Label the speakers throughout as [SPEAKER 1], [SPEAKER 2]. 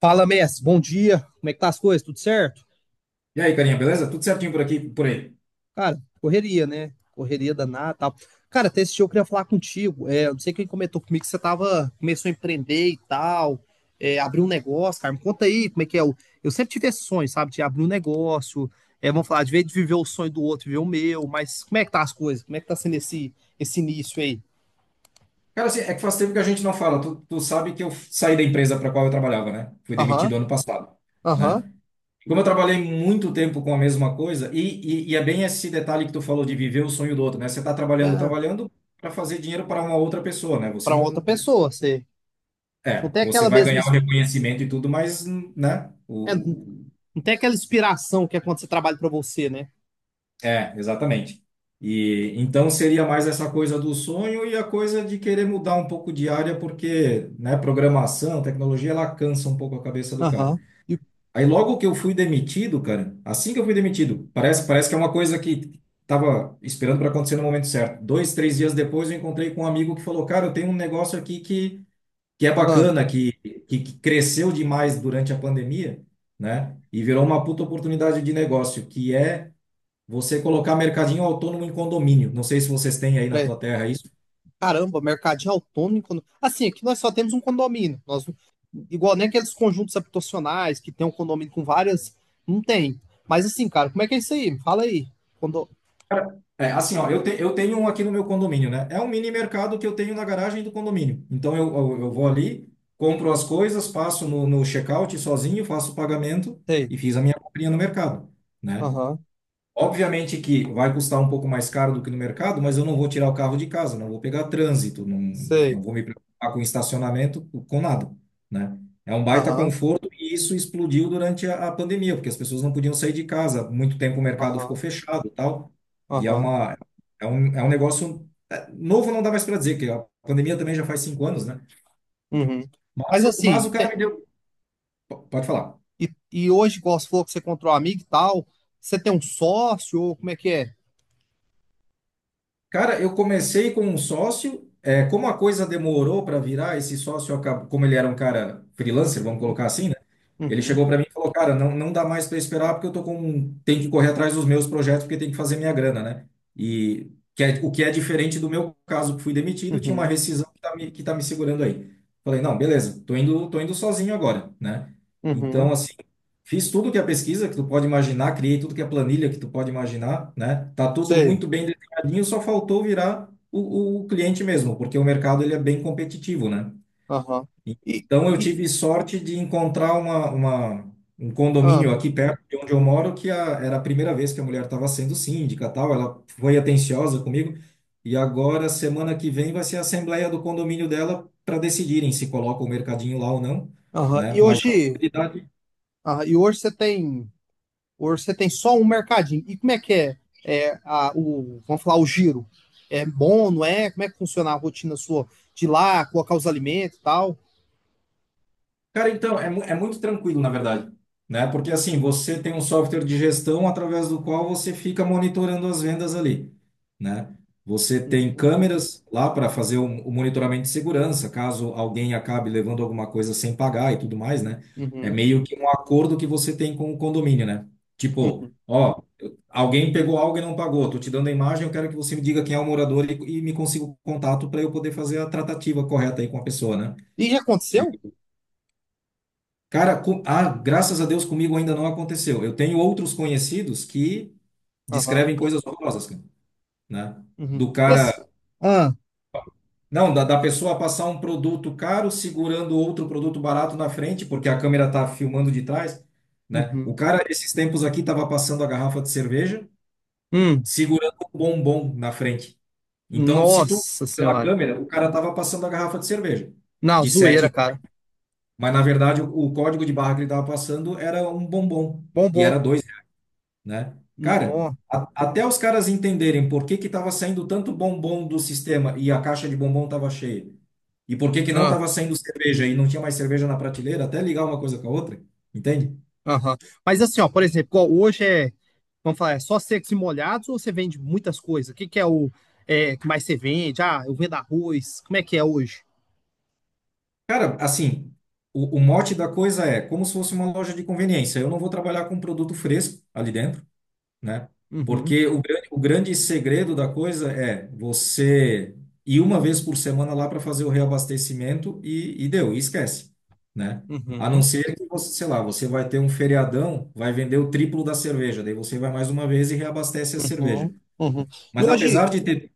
[SPEAKER 1] Fala, mestre. Bom dia. Como é que tá as coisas? Tudo certo?
[SPEAKER 2] E aí, carinha, beleza? Tudo certinho por aqui, por aí.
[SPEAKER 1] Cara, correria, né? Correria danada, e tal. Cara, até esse dia eu queria falar contigo. Eu não sei quem comentou comigo que você tava, começou a empreender e tal, abriu um negócio, cara. Me conta aí como é que é. Eu sempre tive esse sonho, sabe, de abrir um negócio. É, vamos falar, de vez de viver o sonho do outro, viver o meu, mas como é que tá as coisas? Como é que tá sendo esse início aí?
[SPEAKER 2] Cara, assim, é que faz tempo que a gente não fala. Tu sabe que eu saí da empresa para qual eu trabalhava, né? Fui
[SPEAKER 1] Aham,
[SPEAKER 2] demitido ano passado,
[SPEAKER 1] aham.
[SPEAKER 2] né? Como eu trabalhei muito tempo com a mesma coisa, e é bem esse detalhe que tu falou de viver o sonho do outro, né? Você tá trabalhando,
[SPEAKER 1] É,
[SPEAKER 2] trabalhando para fazer dinheiro para uma outra pessoa, né? Você
[SPEAKER 1] pra outra
[SPEAKER 2] não.
[SPEAKER 1] pessoa, você não
[SPEAKER 2] É,
[SPEAKER 1] tem
[SPEAKER 2] você
[SPEAKER 1] aquela
[SPEAKER 2] vai
[SPEAKER 1] mesma,
[SPEAKER 2] ganhar o
[SPEAKER 1] ins-
[SPEAKER 2] reconhecimento e tudo, mas, né?
[SPEAKER 1] não tem aquela inspiração que é quando você trabalha pra você, né?
[SPEAKER 2] É, exatamente. E então seria mais essa coisa do sonho e a coisa de querer mudar um pouco de área, porque, né, programação, tecnologia, ela cansa um pouco a cabeça do cara.
[SPEAKER 1] Aham. E,
[SPEAKER 2] Aí logo que eu fui demitido, cara, assim que eu fui demitido, parece que é uma coisa que tava esperando para acontecer no momento certo. 2, 3 dias depois eu encontrei com um amigo que falou, cara, eu tenho um negócio aqui que é
[SPEAKER 1] ah,
[SPEAKER 2] bacana, que cresceu demais durante a pandemia, né? E virou uma puta oportunidade de negócio, que é você colocar mercadinho autônomo em condomínio. Não sei se vocês têm aí na
[SPEAKER 1] peraí.
[SPEAKER 2] tua terra isso.
[SPEAKER 1] Caramba, mercadinho autônomo. Assim, aqui nós só temos um condomínio. Nós, igual nem aqueles conjuntos habitacionais que tem um condomínio com várias. Não tem. Mas assim, cara, como é que é isso aí? Me Fala aí. Condo...
[SPEAKER 2] Cara, é, assim, ó, eu tenho um aqui no meu condomínio, né? É um mini mercado que eu tenho na garagem do condomínio. Então eu vou ali, compro as coisas, passo no check-out sozinho, faço o pagamento
[SPEAKER 1] Sei.
[SPEAKER 2] e fiz a minha comprinha no mercado, né?
[SPEAKER 1] Aham.
[SPEAKER 2] Obviamente que vai custar um pouco mais caro do que no mercado, mas eu não vou tirar o carro de casa, não vou pegar trânsito, não,
[SPEAKER 1] Sei.
[SPEAKER 2] não vou me preocupar com estacionamento, com nada, né? É um baita
[SPEAKER 1] Aham.
[SPEAKER 2] conforto e isso explodiu durante a pandemia, porque as pessoas não podiam sair de casa, muito tempo o mercado ficou
[SPEAKER 1] Aham.
[SPEAKER 2] fechado e tal, e é
[SPEAKER 1] Aham.
[SPEAKER 2] uma, é um negócio novo, não dá mais para dizer, que a pandemia também já faz 5 anos, né?
[SPEAKER 1] Uhum. Mas
[SPEAKER 2] Mas, mas o
[SPEAKER 1] assim,
[SPEAKER 2] cara
[SPEAKER 1] te-
[SPEAKER 2] me deu... Pode falar.
[SPEAKER 1] e hoje, igual você falou que você encontrou um amigo e tal, você tem um sócio ou como é que é?
[SPEAKER 2] Cara, eu comecei com um sócio. É, como a coisa demorou para virar, esse sócio acabou, como ele era um cara freelancer, vamos
[SPEAKER 1] Uhum.
[SPEAKER 2] colocar assim, né? Ele
[SPEAKER 1] Uhum.
[SPEAKER 2] chegou para mim e falou, cara, não, não dá mais para esperar porque tenho que correr atrás dos meus projetos porque tem que fazer minha grana, né? E o que é diferente do meu caso que fui demitido, tinha uma
[SPEAKER 1] Uhum.
[SPEAKER 2] rescisão que que tá me segurando aí. Falei, não, beleza, tô indo sozinho agora, né?
[SPEAKER 1] Uhum.
[SPEAKER 2] Então, assim, fiz tudo que é pesquisa que tu pode imaginar, criei tudo que é planilha que tu pode imaginar, né? Tá tudo
[SPEAKER 1] Sei.
[SPEAKER 2] muito bem mercadinho só faltou virar o cliente mesmo, porque o mercado ele é bem competitivo, né?
[SPEAKER 1] Aham. E,
[SPEAKER 2] Então eu
[SPEAKER 1] e,
[SPEAKER 2] tive sorte de encontrar um
[SPEAKER 1] ah.
[SPEAKER 2] condomínio aqui perto de onde eu moro era a primeira vez que a mulher estava sendo síndica, tal. Ela foi atenciosa comigo e agora semana que vem vai ser a assembleia do condomínio dela para decidirem se coloca o mercadinho lá ou não,
[SPEAKER 1] Aham.
[SPEAKER 2] né? Mas a probabilidade...
[SPEAKER 1] E hoje você tem só um mercadinho. E como é que é, é vamos falar, o giro? É bom, não é? Como é que funciona a rotina sua de ir lá, colocar os alimentos e tal?
[SPEAKER 2] Cara, então, é muito tranquilo, na verdade, né? Porque assim, você tem um software de gestão através do qual você fica monitorando as vendas ali, né? Você tem
[SPEAKER 1] Uhum,
[SPEAKER 2] câmeras lá para fazer o monitoramento de segurança, caso alguém acabe levando alguma coisa sem pagar e tudo mais, né? É
[SPEAKER 1] uhum,
[SPEAKER 2] meio que um acordo que você tem com o condomínio, né? Tipo,
[SPEAKER 1] uhum.
[SPEAKER 2] ó, alguém pegou algo e não pagou, tô te dando a imagem, eu quero que você me diga quem é o morador e me consiga o contato para eu poder fazer a tratativa correta aí com a pessoa, né?
[SPEAKER 1] E já aconteceu?
[SPEAKER 2] Cara, ah, graças a Deus comigo ainda não aconteceu. Eu tenho outros conhecidos que
[SPEAKER 1] Aham.
[SPEAKER 2] descrevem coisas horrorosas, cara, né?
[SPEAKER 1] Uhum.
[SPEAKER 2] Do
[SPEAKER 1] Esse-
[SPEAKER 2] cara,
[SPEAKER 1] Ah,
[SPEAKER 2] não, da pessoa passar um produto caro segurando outro produto barato na frente, porque a câmera tá filmando de trás, né? O
[SPEAKER 1] uhum.
[SPEAKER 2] cara, esses tempos aqui, tava passando a garrafa de cerveja,
[SPEAKER 1] Hum,
[SPEAKER 2] segurando um bombom na frente. Então, se tu fosse
[SPEAKER 1] nossa
[SPEAKER 2] pela
[SPEAKER 1] senhora.
[SPEAKER 2] câmera, o cara tava passando a garrafa de cerveja
[SPEAKER 1] Não,
[SPEAKER 2] de
[SPEAKER 1] zoeira,
[SPEAKER 2] sete,
[SPEAKER 1] cara.
[SPEAKER 2] mas na verdade o código de barra que ele tava passando era um bombom
[SPEAKER 1] Bom,
[SPEAKER 2] e
[SPEAKER 1] bom.
[SPEAKER 2] era dois, né? Cara, até os caras entenderem por que que estava saindo tanto bombom do sistema e a caixa de bombom estava cheia, e por que que não
[SPEAKER 1] Nó.
[SPEAKER 2] estava saindo cerveja e não tinha mais cerveja na prateleira, até ligar uma coisa com a outra, entende?
[SPEAKER 1] Aham. Mas assim, ó, por exemplo, igual hoje vamos falar, é só secos e molhados ou você vende muitas coisas? O que que é que mais você vende? Ah, eu vendo arroz. Como é que é hoje?
[SPEAKER 2] Cara, assim, o mote da coisa é como se fosse uma loja de conveniência. Eu não vou trabalhar com produto fresco ali dentro, né?
[SPEAKER 1] Uhum,
[SPEAKER 2] Porque o grande segredo da coisa é você ir uma vez por semana lá para fazer o reabastecimento e deu, e esquece, né? A não
[SPEAKER 1] uhum,
[SPEAKER 2] ser que você, sei lá, você vai ter um feriadão, vai vender o triplo da cerveja, daí você vai mais uma vez e reabastece a cerveja.
[SPEAKER 1] uhum, uhum. E
[SPEAKER 2] Mas
[SPEAKER 1] hoje,
[SPEAKER 2] apesar de ter,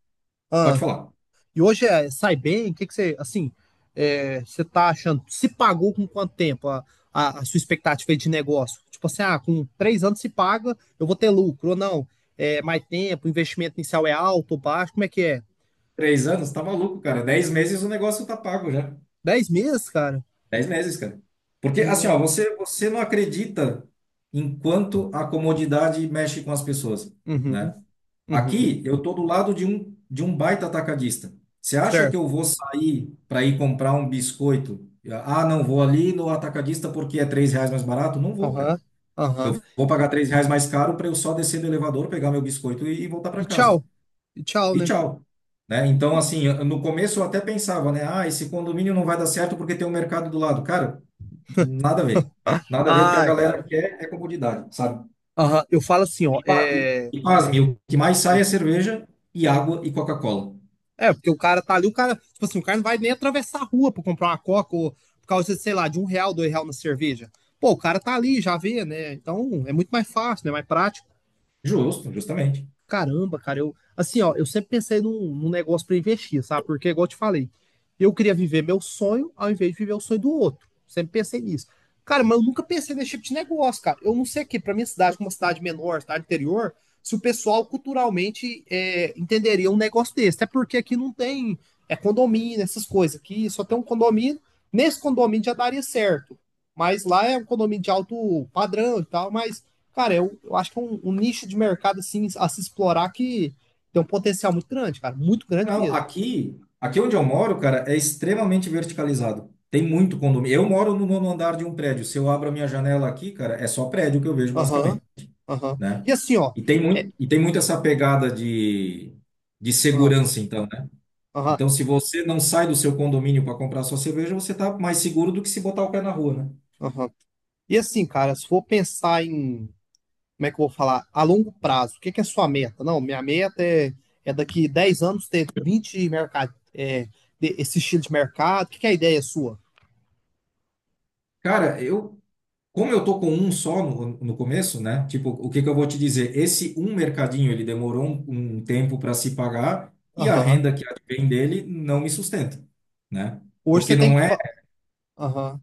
[SPEAKER 1] ah,
[SPEAKER 2] pode falar,
[SPEAKER 1] e hoje é, sai bem? O que que você, assim, você tá achando? Se pagou com quanto tempo a sua expectativa de negócio? Tipo assim, ah, com 3 anos se paga, eu vou ter lucro ou não? É, mais tempo, o investimento inicial é alto ou baixo? Como é que é?
[SPEAKER 2] 3 anos, tá maluco, cara, 10 meses o negócio tá pago já.
[SPEAKER 1] 10 meses, cara?
[SPEAKER 2] 10 meses, cara. Porque, assim, ó, você não acredita enquanto a comodidade mexe com as pessoas,
[SPEAKER 1] Uhum,
[SPEAKER 2] né?
[SPEAKER 1] uhum,
[SPEAKER 2] Aqui, eu tô do lado de um baita atacadista. Você acha
[SPEAKER 1] certo.
[SPEAKER 2] que eu vou sair para ir comprar um biscoito? Ah, não, vou ali no atacadista porque é R$ 3 mais barato? Não vou, cara.
[SPEAKER 1] Aham, aham.
[SPEAKER 2] Eu vou pagar R$ 3 mais caro para eu só descer do elevador, pegar meu biscoito e voltar para
[SPEAKER 1] E
[SPEAKER 2] casa
[SPEAKER 1] tchau. E tchau,
[SPEAKER 2] e
[SPEAKER 1] né?
[SPEAKER 2] tchau. Né? Então,
[SPEAKER 1] Uhum.
[SPEAKER 2] assim, no começo eu até pensava, né? Ah, esse condomínio não vai dar certo porque tem um mercado do lado. Cara, nada a ver. Nada a ver, porque a
[SPEAKER 1] Ai,
[SPEAKER 2] galera
[SPEAKER 1] cara.
[SPEAKER 2] quer é comodidade, sabe?
[SPEAKER 1] Aham, eu falo assim, ó,
[SPEAKER 2] E, pa-
[SPEAKER 1] é...
[SPEAKER 2] e pasme, o que mais sai é cerveja e água e Coca-Cola.
[SPEAKER 1] É, porque o cara tá ali, o cara... Tipo assim, o cara não vai nem atravessar a rua pra comprar uma coca ou por causa, de, sei lá, de um real, dois real na cerveja. Pô, o cara tá ali, já vê, né? Então, é muito mais fácil, né? Mais prático.
[SPEAKER 2] Justo, justamente.
[SPEAKER 1] Caramba, cara, eu assim, ó, eu sempre pensei num negócio pra investir, sabe? Porque, igual eu te falei, eu queria viver meu sonho ao invés de viver o sonho do outro. Sempre pensei nisso. Cara, mas eu nunca pensei nesse tipo de negócio, cara. Eu não sei aqui, pra minha cidade, como uma cidade menor, cidade interior, se o pessoal culturalmente entenderia um negócio desse. Até porque aqui não tem condomínio, essas coisas. Aqui só tem um condomínio. Nesse condomínio já daria certo. Mas lá é um condomínio de alto padrão e tal, mas. Cara, eu acho que é um nicho de mercado assim a se explorar que tem um potencial muito grande, cara, muito grande
[SPEAKER 2] Não,
[SPEAKER 1] mesmo.
[SPEAKER 2] aqui, aqui onde eu moro, cara, é extremamente verticalizado. Tem muito condomínio. Eu moro no nono andar de um prédio. Se eu abro a minha janela aqui, cara, é só prédio que eu vejo, basicamente,
[SPEAKER 1] Aham, aham.
[SPEAKER 2] né?
[SPEAKER 1] E assim, ó, é,
[SPEAKER 2] E tem muito essa pegada de
[SPEAKER 1] aham,
[SPEAKER 2] segurança, então, né?
[SPEAKER 1] aham,
[SPEAKER 2] Então, se você não sai do seu condomínio para comprar sua cerveja, você tá mais seguro do que se botar o pé na rua, né?
[SPEAKER 1] aham. E assim, cara, se for pensar em, como é que eu vou falar, a longo prazo, o que que é a sua meta? Não, minha meta é, é daqui 10 anos ter 20 mercado, esse estilo de mercado, o que que é a ideia sua?
[SPEAKER 2] Cara, eu, como eu tô com um só no começo, né? Tipo, o que que eu vou te dizer? Esse um mercadinho, ele demorou um tempo para se pagar e a
[SPEAKER 1] Aham.
[SPEAKER 2] renda que advém dele não me sustenta, né?
[SPEAKER 1] Hoje você
[SPEAKER 2] Porque
[SPEAKER 1] tem
[SPEAKER 2] não
[SPEAKER 1] que.
[SPEAKER 2] é,
[SPEAKER 1] fa- Aham.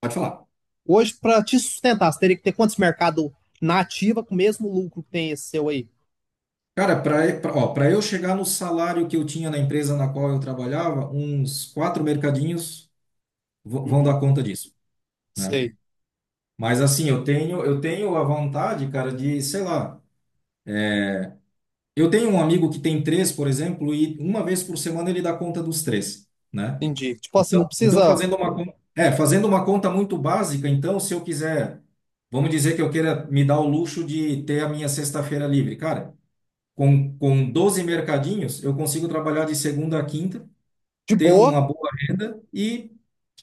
[SPEAKER 2] pode falar.
[SPEAKER 1] Hoje, para te sustentar, você teria que ter quantos mercados na ativa com o mesmo lucro que tem esse seu aí?
[SPEAKER 2] Cara, para eu chegar no salário que eu tinha na empresa na qual eu trabalhava, uns quatro mercadinhos vão dar
[SPEAKER 1] Uhum.
[SPEAKER 2] conta disso, né?
[SPEAKER 1] Sei,
[SPEAKER 2] Mas assim, eu tenho a vontade, cara, de, sei lá, eu tenho um amigo que tem três, por exemplo, e uma vez por semana ele dá conta dos três, né?
[SPEAKER 1] entendi. Tipo assim, não
[SPEAKER 2] Então, então
[SPEAKER 1] precisa
[SPEAKER 2] fazendo uma conta muito básica, então, se eu quiser, vamos dizer que eu queira me dar o luxo de ter a minha sexta-feira livre, cara. Com 12 mercadinhos, eu consigo trabalhar de segunda a quinta,
[SPEAKER 1] de
[SPEAKER 2] ter
[SPEAKER 1] boa.
[SPEAKER 2] uma boa renda e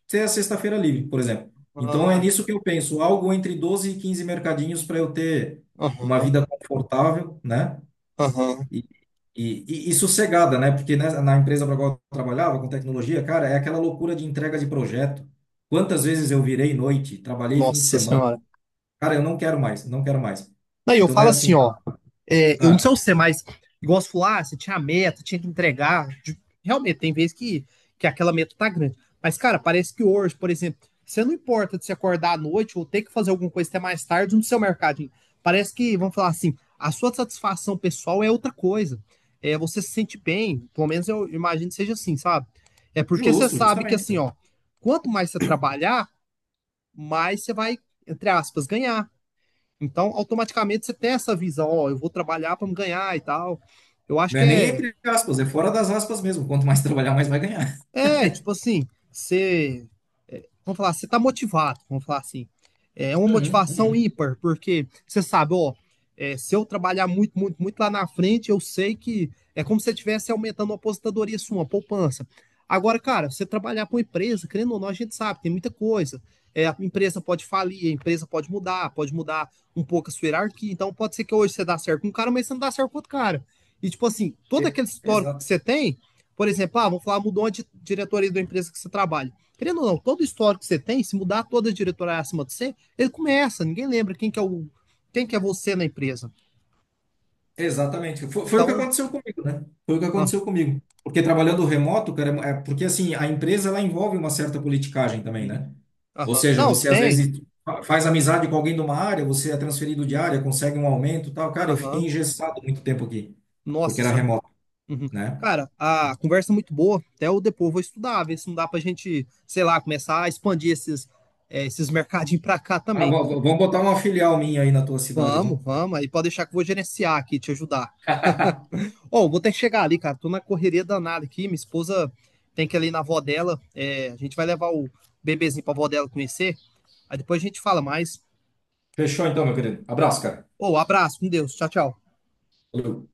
[SPEAKER 2] ter a sexta-feira livre, por exemplo. Então é
[SPEAKER 1] Ah,
[SPEAKER 2] nisso que eu penso, algo entre 12 e 15 mercadinhos para eu ter uma
[SPEAKER 1] Aham,
[SPEAKER 2] vida confortável, né?
[SPEAKER 1] aham.
[SPEAKER 2] E, e sossegada, né? Porque né, na empresa para qual eu trabalhava, com tecnologia, cara, é aquela loucura de entrega de projeto. Quantas vezes eu virei noite, trabalhei fim de
[SPEAKER 1] Nossa
[SPEAKER 2] semana.
[SPEAKER 1] senhora.
[SPEAKER 2] Cara, eu não quero mais, não quero mais.
[SPEAKER 1] Aí eu
[SPEAKER 2] Então não é
[SPEAKER 1] falo
[SPEAKER 2] assim.
[SPEAKER 1] assim, ó. É, eu não sei
[SPEAKER 2] Ah,
[SPEAKER 1] você, mas igual você falou, ah, você tinha a meta, tinha que entregar. Realmente, tem vezes que aquela meta tá grande. Mas, cara, parece que hoje, por exemplo, você não importa de se acordar à noite ou ter que fazer alguma coisa até mais tarde no seu mercadinho. Parece que, vamos falar assim, a sua satisfação pessoal é outra coisa. É, você se sente bem, pelo menos eu imagino que seja assim, sabe? É porque você
[SPEAKER 2] justo,
[SPEAKER 1] sabe que assim,
[SPEAKER 2] justamente.
[SPEAKER 1] ó, quanto mais você trabalhar, mais você vai, entre aspas, ganhar. Então, automaticamente você tem essa visão, ó, eu vou trabalhar para me ganhar e tal. Eu acho
[SPEAKER 2] Não
[SPEAKER 1] que
[SPEAKER 2] é nem
[SPEAKER 1] é,
[SPEAKER 2] entre aspas, é fora das aspas mesmo. Quanto mais trabalhar, mais vai ganhar.
[SPEAKER 1] é tipo assim, você vamos falar, você tá motivado, vamos falar assim. É uma
[SPEAKER 2] Uhum,
[SPEAKER 1] motivação
[SPEAKER 2] uhum.
[SPEAKER 1] ímpar, porque você sabe, ó, se eu trabalhar muito, muito, muito lá na frente, eu sei que é como se você estivesse aumentando a aposentadoria sua, uma poupança. Agora, cara, você trabalhar para uma empresa, querendo ou não, a gente sabe, tem muita coisa. É, a empresa pode falir, a empresa pode mudar um pouco a sua hierarquia. Então, pode ser que hoje você dá certo com um cara, mas você não dá certo com outro cara. E, tipo assim, todo
[SPEAKER 2] É,
[SPEAKER 1] aquele histórico que
[SPEAKER 2] exato,
[SPEAKER 1] você tem, por exemplo, ah, vamos falar, mudou a diretoria da empresa que você trabalha. Querendo ou não, todo o histórico que você tem, se mudar toda a diretoria acima de você, ele começa, ninguém lembra quem que é o, quem que é você na empresa.
[SPEAKER 2] exatamente. Foi o que
[SPEAKER 1] Então,
[SPEAKER 2] aconteceu comigo, né? Foi o que
[SPEAKER 1] ah,
[SPEAKER 2] aconteceu comigo. Porque trabalhando remoto, cara, porque assim, a empresa ela envolve uma certa politicagem também,
[SPEAKER 1] uhum,
[SPEAKER 2] né? Ou
[SPEAKER 1] aham.
[SPEAKER 2] seja,
[SPEAKER 1] Não,
[SPEAKER 2] você às
[SPEAKER 1] tem.
[SPEAKER 2] vezes faz amizade com alguém de uma área, você é transferido de área, consegue um aumento, e tal. Cara, eu fiquei
[SPEAKER 1] Aham.
[SPEAKER 2] engessado muito tempo aqui, porque
[SPEAKER 1] Nossa
[SPEAKER 2] era
[SPEAKER 1] senhora.
[SPEAKER 2] remoto,
[SPEAKER 1] Uhum.
[SPEAKER 2] né?
[SPEAKER 1] Cara, a conversa é muito boa. Até eu depois vou estudar, ver se não dá pra gente, sei lá, começar a expandir esses mercadinhos pra cá
[SPEAKER 2] Ah,
[SPEAKER 1] também.
[SPEAKER 2] vamos botar uma filial minha aí na tua cidade,
[SPEAKER 1] Vamos,
[SPEAKER 2] vamos.
[SPEAKER 1] vamos. Aí pode deixar que eu vou gerenciar aqui, te ajudar. Ó, vou ter que chegar ali, cara. Tô na correria danada aqui. Minha esposa tem que ir ali na avó dela. É, a gente vai levar o bebezinho pra avó dela conhecer. Aí depois a gente fala mais.
[SPEAKER 2] Fechou então, meu querido. Abraço, cara.
[SPEAKER 1] Ô, abraço, com Deus. Tchau, tchau.
[SPEAKER 2] Valeu.